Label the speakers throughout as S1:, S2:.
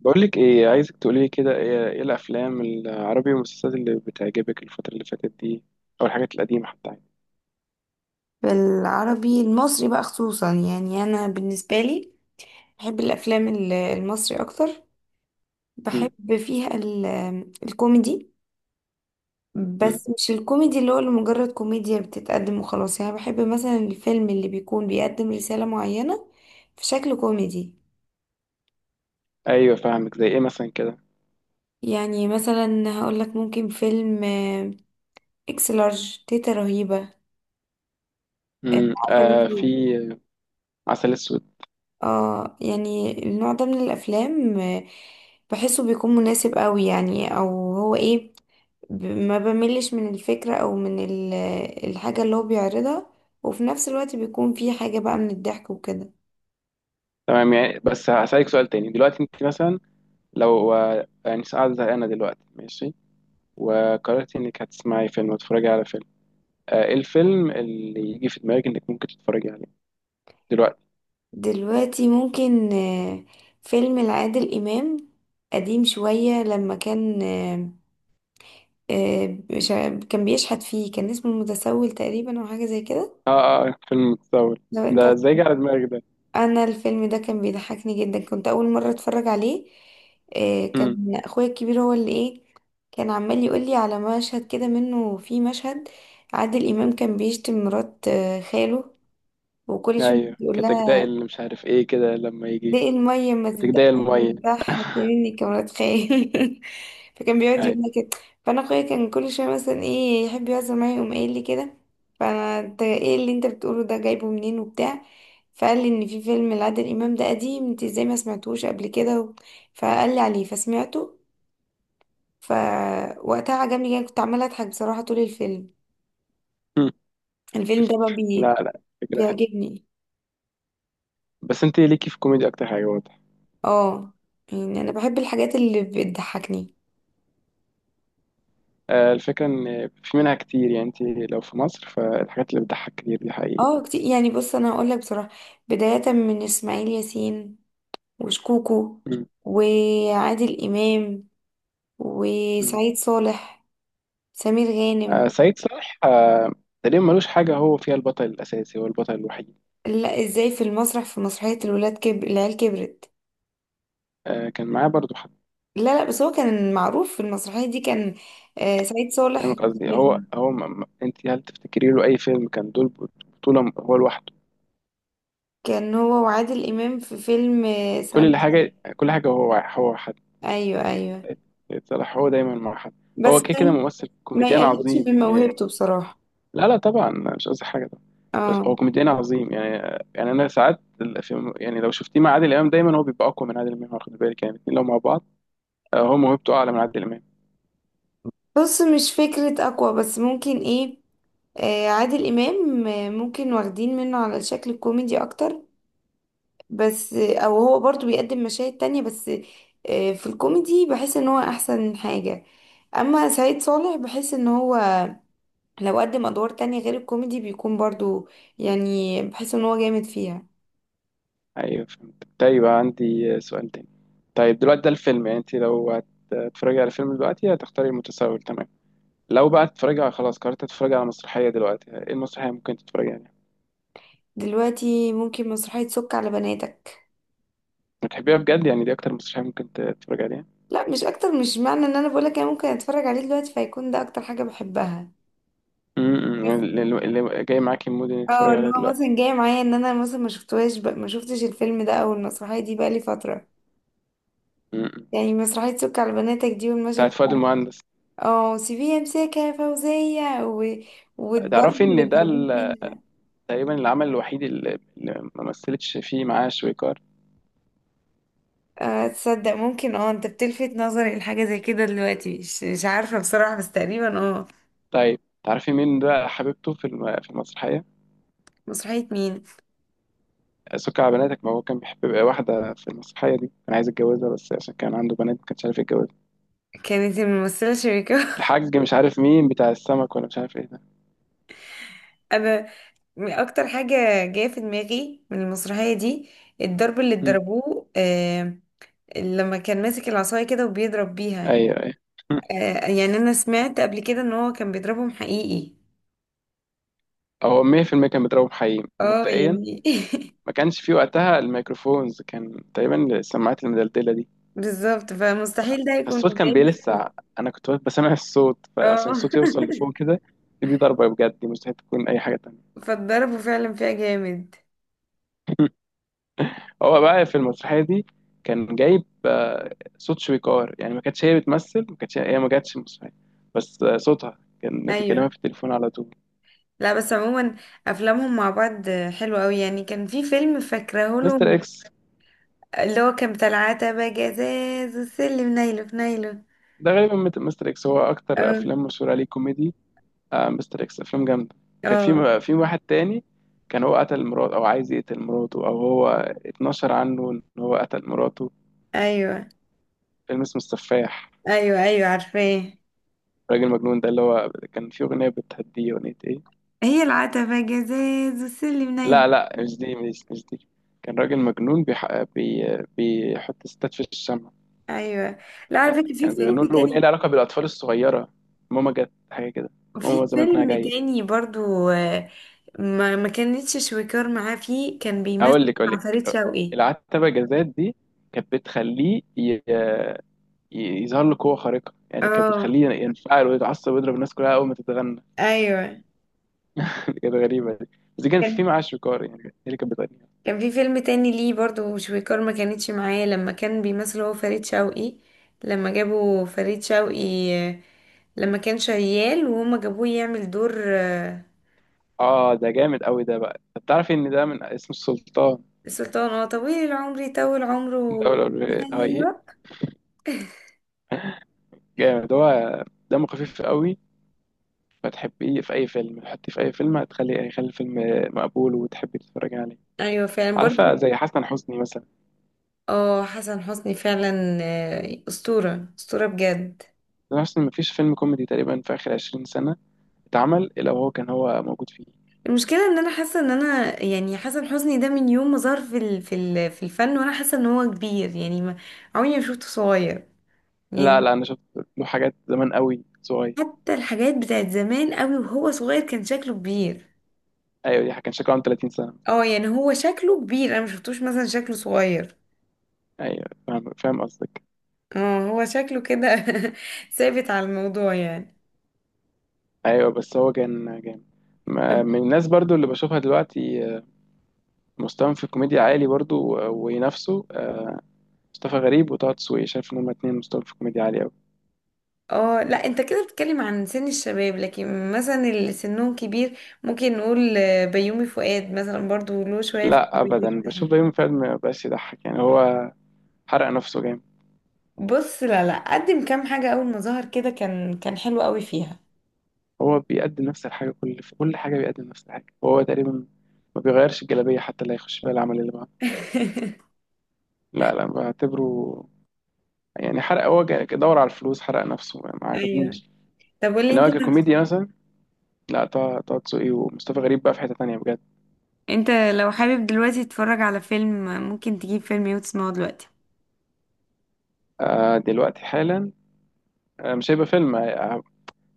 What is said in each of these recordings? S1: بقول لك ايه، عايزك تقولي لي كده، إيه الافلام العربي والمسلسلات اللي بتعجبك الفتره اللي فاتت دي، او الحاجات القديمه حتى يعني.
S2: بالعربي المصري بقى، خصوصا يعني انا بالنسبه لي، بحب الافلام المصري اكتر.
S1: امم
S2: بحب فيها الكوميدي.
S1: امم
S2: بس مش الكوميدي اللي هو لمجرد كوميديا بتتقدم وخلاص، يعني بحب مثلا الفيلم اللي بيكون بيقدم رساله معينه في شكل كوميدي.
S1: ايوه، فاهمك. زي ايه مثلا كده؟
S2: يعني مثلا هقول لك، ممكن فيلم اكس لارج، تيتا رهيبه، عسل
S1: آه، في.
S2: أسود.
S1: عسل اسود.
S2: اه، يعني النوع ده من الافلام بحسه بيكون مناسب قوي يعني، او هو ايه، ما بملش من الفكرة او من الحاجة اللي هو بيعرضها، وفي نفس الوقت بيكون في حاجة بقى من الضحك وكده.
S1: تمام، يعني. بس هسألك سؤال تاني دلوقتي، انت مثلا لو يعني قاعده زهقانه دلوقتي، ماشي، وقررتي انك هتسمعي فيلم وتتفرجي على فيلم، ايه الفيلم اللي يجي في دماغك انك ممكن تتفرجي عليه دلوقتي؟
S2: دلوقتي ممكن فيلم لعادل إمام قديم شوية، لما كان كان بيشحت فيه، كان اسمه المتسول تقريبا او حاجة زي كده.
S1: اه، اه، فيلم متصور.
S2: لو انت،
S1: ده ازاي جه على دماغك ده؟
S2: انا الفيلم ده كان بيضحكني جدا، كنت اول مره اتفرج عليه. إيه،
S1: مم.
S2: كان اخويا الكبير هو اللي ايه، كان عمال يقول لي على مشهد كده منه. في مشهد عادل امام كان بيشتم مرات خاله، وكل شويه
S1: ايوه،
S2: يقول لها:
S1: كتجداء اللي مش عارف ايه كده، لما
S2: دق
S1: يجي
S2: المية، ما تبدأ
S1: كتجداء الميه.
S2: مرتاح، هتعملني كمان خيال. فكان بيقعد
S1: ايوه.
S2: يقول لي كده. فأنا أخويا كان كل شوية مثلا، إيه، يحب يهزر معايا، يقوم قايل لي كده. فأنا: أنت إيه اللي أنت بتقوله ده، جايبه منين وبتاع؟ فقال لي إن في فيلم لعادل إمام ده قديم، أنت إزاي ما سمعتوش قبل كده فقال لي عليه فسمعته. فوقتها عجبني جدا، كنت عمالة أضحك بصراحة طول الفيلم.
S1: مم.
S2: الفيلم ده بقى
S1: لا، لا، فكره حلوه.
S2: بيعجبني.
S1: بس انت ليكي في الكوميديا اكتر حاجه، واضح.
S2: اه، يعني أنا بحب الحاجات اللي بتضحكني.
S1: الفكره ان في منها كتير يعني. انت لو في مصر فالحاجات اللي بتضحك كتير دي حقيقي.
S2: اه كتير، يعني بص، انا هقول لك بصراحه، بدايه من اسماعيل ياسين، وشكوكو،
S1: مم.
S2: وعادل امام،
S1: مم.
S2: وسعيد صالح، سمير غانم.
S1: سعيد صالح تقريبا ملوش حاجه هو فيها البطل الاساسي، هو البطل الوحيد.
S2: لا، ازاي، في المسرح، في مسرحيه الولاد كبر العيال كبرت.
S1: كان معاه برضو حد.
S2: لا لا، بس هو كان معروف في المسرحيه دي، كان سعيد صالح.
S1: فاهمك قصدي. هو
S2: من-
S1: انت هل تفتكري له اي فيلم كان دول بطوله هو لوحده؟
S2: كان هو وعادل امام في فيلم
S1: كل
S2: سلام يا
S1: اللي
S2: صاحبي.
S1: حاجه كل حاجه، هو
S2: ايوه، ايوه.
S1: صلاح هو دايما مع حد.
S2: بس
S1: هو كده كده
S2: كان
S1: ممثل
S2: ما
S1: كوميديان
S2: يقلقش
S1: عظيم
S2: من
S1: يعني.
S2: موهبته بصراحه.
S1: لا، لا، طبعا، مش قصدي حاجه طبعا. بس هو
S2: اه،
S1: كوميديان عظيم يعني. انا ساعات في يعني، لو شفتيه مع عادل امام دايما هو بيبقى اقوى من عادل امام، واخد بالك؟ يعني الاثنين لو مع بعض، هو موهبته اعلى من عادل امام.
S2: بص، مش فكرة أقوى، بس ممكن إيه، عادل إمام ممكن واخدين منه على الشكل الكوميدي أكتر، بس أو هو برضو بيقدم مشاهد تانية. بس في الكوميدي بحس إن هو أحسن حاجة. أما سعيد صالح بحس إن هو لو قدم أدوار تانية غير الكوميدي بيكون برضو، يعني بحس إن هو جامد فيها.
S1: ايوه، فهمت. طيب عندي سؤال تاني. طيب دلوقتي ده الفيلم يعني، انت لو هتتفرجي على فيلم دلوقتي هتختاري المتسول، تمام. لو بقى هتتفرجي على، خلاص قررت تتفرجي على مسرحيه دلوقتي، ايه المسرحيه ممكن تتفرجي عليها؟
S2: دلوقتي ممكن مسرحية سك على بناتك.
S1: بتحبيها بجد يعني؟ دي اكتر مسرحيه ممكن تتفرجي عليها؟
S2: لا، مش أكتر، مش معنى إن أنا بقولك أنا ممكن أتفرج عليه دلوقتي فيكون ده أكتر حاجة بحبها.
S1: يعني اللي جاي معاكي المود انك
S2: اه،
S1: تتفرجي
S2: اللي
S1: عليها
S2: هو
S1: دلوقتي.
S2: مثلا جاي معايا ان انا مثلا ما شفتهاش بقى، ما شفتش الفيلم ده او المسرحيه دي بقى لي فتره.
S1: امم
S2: يعني مسرحيه سك على بناتك دي، والمشهد
S1: بتاعت
S2: بتاع،
S1: فؤاد المهندس.
S2: اه، سيبيها امسكها يا فوزيه والضرب
S1: تعرفي
S2: اللي
S1: ان ده
S2: اتضربوه فيها.
S1: تقريبا العمل الوحيد اللي ما مثلتش فيه معاه شويكار.
S2: تصدق، ممكن، اه، انت بتلفت نظري لحاجه زي كده دلوقتي، مش عارفه بصراحه، بس تقريبا اه.
S1: طيب تعرفي مين بقى حبيبته في في المسرحيه؟
S2: مسرحيه مين؟
S1: سكر على بناتك، ما هو كان بيحب واحده في المسرحيه دي، كان عايز يتجوزها بس عشان كان عنده بنات ما كانش عارف يتجوزها.
S2: كانت الممثله شريكة.
S1: الحاج مش عارف مين، بتاع السمك، ولا مش عارف ايه ده.
S2: انا اكتر حاجه جايه في دماغي من المسرحيه دي الضرب اللي
S1: امم.
S2: اتضربوه، لما كان ماسك العصايه كده وبيضرب بيها.
S1: ايوه، ايوه.
S2: يعني انا سمعت قبل كده ان هو كان بيضربهم حقيقي.
S1: هو 100% كان بيضربه بحقيقي
S2: اه،
S1: مبدئيا.
S2: يعني.
S1: ما كانش فيه وقتها الميكروفونز، كان تقريبا السماعات المدلدله دي.
S2: بالظبط، فمستحيل ده يكون
S1: فالصوت كان
S2: جاي.
S1: بيلسع. انا كنت واقف بسمع الصوت، فعشان
S2: اه.
S1: الصوت يوصل لفوق كده، دي ضربة بجد، دي مستحيل تكون اي حاجة تانية.
S2: فاتضربوا فعلا فيها جامد.
S1: هو بقى في المسرحية دي كان جايب صوت شويكار يعني، ما كانتش هي بتمثل، ما كانتش هي، ما جاتش المسرحية. بس صوتها كان بيكلمها
S2: ايوه.
S1: في التليفون على طول.
S2: لا، بس عموما افلامهم مع بعض حلوه قوي، يعني كان في فيلم فاكراه
S1: مستر
S2: لهم،
S1: اكس،
S2: اللي هو كان بتاع العتبه جزاز والسلم نايله في نايله.
S1: ده غالبا مستر اكس هو اكتر
S2: اه،
S1: افلام مشهورة عليه كوميدي. مستر اكس افلام جامدة. كان
S2: اه.
S1: في واحد تاني، كان هو قتل مراته، او عايز يقتل مراته، او هو اتنشر عنه ان هو قتل مراته.
S2: ايوه،
S1: فيلم اسمه السفاح،
S2: ايوه. ايوه، عارفاه.
S1: راجل مجنون، ده اللي هو كان في أغنية بتهديه. أغنية إيه؟
S2: هي العتبة جزاز والسلم
S1: لا،
S2: نيل.
S1: لا، مش دي، مش دي. كان راجل مجنون، بيحط ستات في الشمع.
S2: ايوه. لا، على فكرة في
S1: كان بيغنوا
S2: فيلم
S1: له أغنية
S2: تاني،
S1: لها علاقة بالأطفال الصغيرة. ماما جت، حاجة كده.
S2: في
S1: ماما زمانها
S2: فيلم
S1: جاية.
S2: تاني برضو ما كانتش شويكار معاه فيه، كان بيمثل
S1: أقول
S2: مع فريد
S1: لك،
S2: شوقي.
S1: العتبة جزات دي كانت بتخليه يظهر له قوة خارقة يعني، كانت
S2: اه،
S1: بتخليه ينفعل ويتعصب ويضرب الناس كلها أول ما تتغنى.
S2: ايوه.
S1: كانت غريبة دي. بس دي كان في
S2: كان
S1: معاه شويكار يعني، هي اللي كانت بتغني.
S2: كان في فيلم تاني ليه برضو شويكار ما كانتش معاه، لما كان بيمثل هو فريد شوقي. لما جابوا فريد شوقي، آه، لما كان شيال وهما جابوه يعمل دور
S1: اه، ده جامد قوي ده، بقى انت بتعرف ان ده من اسم السلطان،
S2: السلطان. اه، طويل العمر، يطول عمره.
S1: دولة الهاي.
S2: ايوه،
S1: جامد هو، دمه خفيف قوي. فتحبيه في اي فيلم، تحطيه في اي فيلم يخلي الفيلم مقبول وتحبي تتفرجي عليه.
S2: ايوه، فعلا
S1: عارفة
S2: برضو.
S1: زي حسن حسني مثلا.
S2: اه، حسن حسني فعلا، اسطوره، اسطوره بجد.
S1: حسن حسني مفيش فيلم كوميدي تقريبا في اخر 20 سنة اتعمل الا وهو كان هو موجود فيه.
S2: المشكله ان انا حاسه ان انا يعني حسن حسني ده من يوم ما ظهر في الفن، وانا حاسه ان هو كبير، يعني ما، عمري ما شفته صغير
S1: لا،
S2: يعني.
S1: لا، انا شفت له حاجات زمان قوي، صغير.
S2: حتى الحاجات بتاعت زمان قوي وهو صغير كان شكله كبير.
S1: ايوه، دي كان شكله عنده 30 سنة.
S2: اه، يعني هو شكله كبير، انا ما شفتوش مثلا شكله صغير.
S1: ايوه، فاهم فاهم قصدك.
S2: اه، هو شكله كده. ثابت على الموضوع يعني.
S1: ايوه، بس هو كان جامد. من الناس برضو اللي بشوفها دلوقتي مستواهم في الكوميديا عالي برضو، وينافسوا مصطفى غريب وطه دسوقي، شايف ان هما اتنين مستواهم في الكوميديا عالي قوي.
S2: اه. لا، انت كده بتتكلم عن سن الشباب، لكن مثلا اللي سنهم كبير، ممكن نقول بيومي فؤاد مثلا، برضو له شوية في
S1: لا،
S2: الميوزك
S1: ابدا،
S2: ده حلو.
S1: بشوف بيومي فؤاد ما بقاش يضحك يعني، هو حرق نفسه جامد.
S2: بص، لا لا، قدم كام حاجة اول ما ظهر كده، كان حلو قوي فيها.
S1: هو بيقدم نفس الحاجه كل، في كل حاجه بيقدم نفس الحاجه وهو تقريبا ما بيغيرش الجلابيه حتى اللي هيخش فيها العمل اللي بعده. لا، لا، بعتبره يعني حرق، هو دور على الفلوس حرق نفسه ما
S2: ايوه.
S1: عجبنيش.
S2: طب قولي انت،
S1: انما ككوميديا مثلا، لا، طه دسوقي ومصطفى غريب بقى في حته تانيه بجد.
S2: انت لو حابب دلوقتي تتفرج على فيلم، ممكن تجيب فيلم ايه وتسمعه دلوقتي؟
S1: دلوقتي حالا، مش هيبقى فيلم.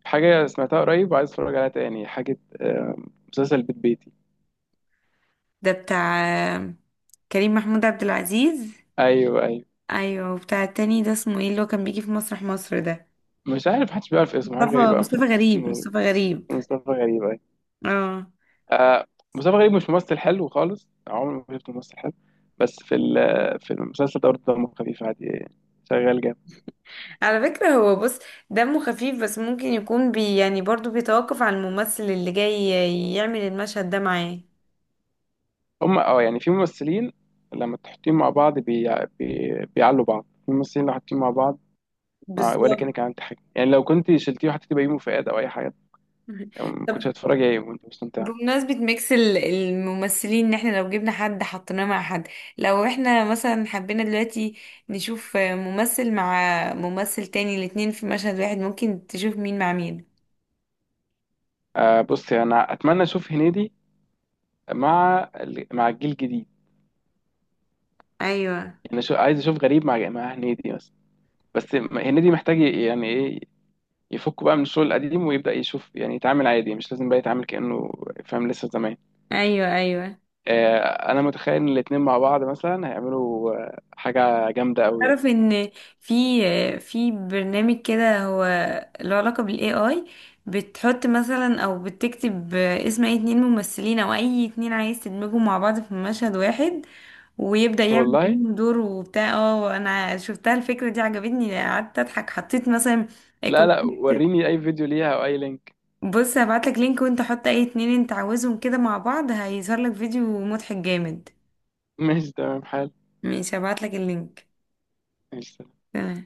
S1: حاجة سمعتها قريب وعايز اتفرج عليها تاني حاجة، مسلسل بيت بيتي.
S2: ده بتاع آه، كريم محمود عبد العزيز.
S1: ايوه، ايوه.
S2: ايوه. وبتاع التاني ده اسمه ايه، اللي هو كان بيجي في مسرح مصر ده؟
S1: مش عارف، محدش بيعرف اسمه، حاجة غريبة أوي.
S2: مصطفى غريب،
S1: اسمه
S2: مصطفى غريب.
S1: مصطفى غريب، ايوه.
S2: اه،
S1: آه. مصطفى غريب مش ممثل حلو خالص، عمري ما شفت ممثل حلو. بس في في المسلسل ده برضه دمه خفيف عادي، شغال جامد.
S2: على فكرة هو، بص، دمه خفيف، بس ممكن يكون يعني برضو بيتوقف على الممثل اللي جاي يعمل المشهد ده معاه.
S1: هم، اه، يعني في ممثلين لما تحطيهم مع بعض بيعلوا بعض. في ممثلين لو حاطين مع بعض مع... ولا
S2: بالظبط.
S1: كأنك عملت حاجة يعني، لو كنت شلتيه وحطيتيه بيومي فؤاد او اي حاجة يعني ما
S2: طب،
S1: كنتش هتتفرج عليه وانت مستمتع.
S2: بمناسبة ميكس الممثلين، ان احنا لو جبنا حد حطيناه مع حد، لو احنا مثلا حبينا دلوقتي نشوف ممثل مع ممثل تاني، الاتنين في مشهد واحد، ممكن تشوف مين مع مين؟
S1: آه، بصي، انا اتمنى اشوف هنيدي مع مع الجيل الجديد.
S2: ايوه،
S1: يعني شو عايز اشوف، غريب مع هنيدي بس. بس هنيدي محتاج يعني ايه، يفك بقى من الشغل القديم ويبدا يشوف، يعني يتعامل عادي، مش لازم بقى يتعامل كانه فاهم لسه زمان.
S2: ايوه، ايوه.
S1: آه، انا متخيل ان الاتنين مع بعض مثلا هيعملوا حاجه جامده قوي.
S2: تعرف ان في في برنامج كده، هو له علاقة بالاي اي، بتحط مثلا او بتكتب اسم اي اتنين ممثلين، او اي اتنين عايز تدمجهم مع بعض في مشهد واحد، ويبدأ يعمل
S1: والله.
S2: بينهم دور وبتاع. اه، انا شفتها الفكرة دي عجبتني، قعدت اضحك، حطيت مثلا آه،
S1: لا،
S2: كنت
S1: لا، وريني اي فيديو ليها او اي لينك.
S2: بص، هبعتلك لينك، وانت حط اي اتنين انت عاوزهم كده مع بعض، هيظهر لك فيديو مضحك جامد.
S1: ماشي، تمام حال.
S2: ماشي، هبعتلك اللينك.
S1: ماشي.
S2: تمام.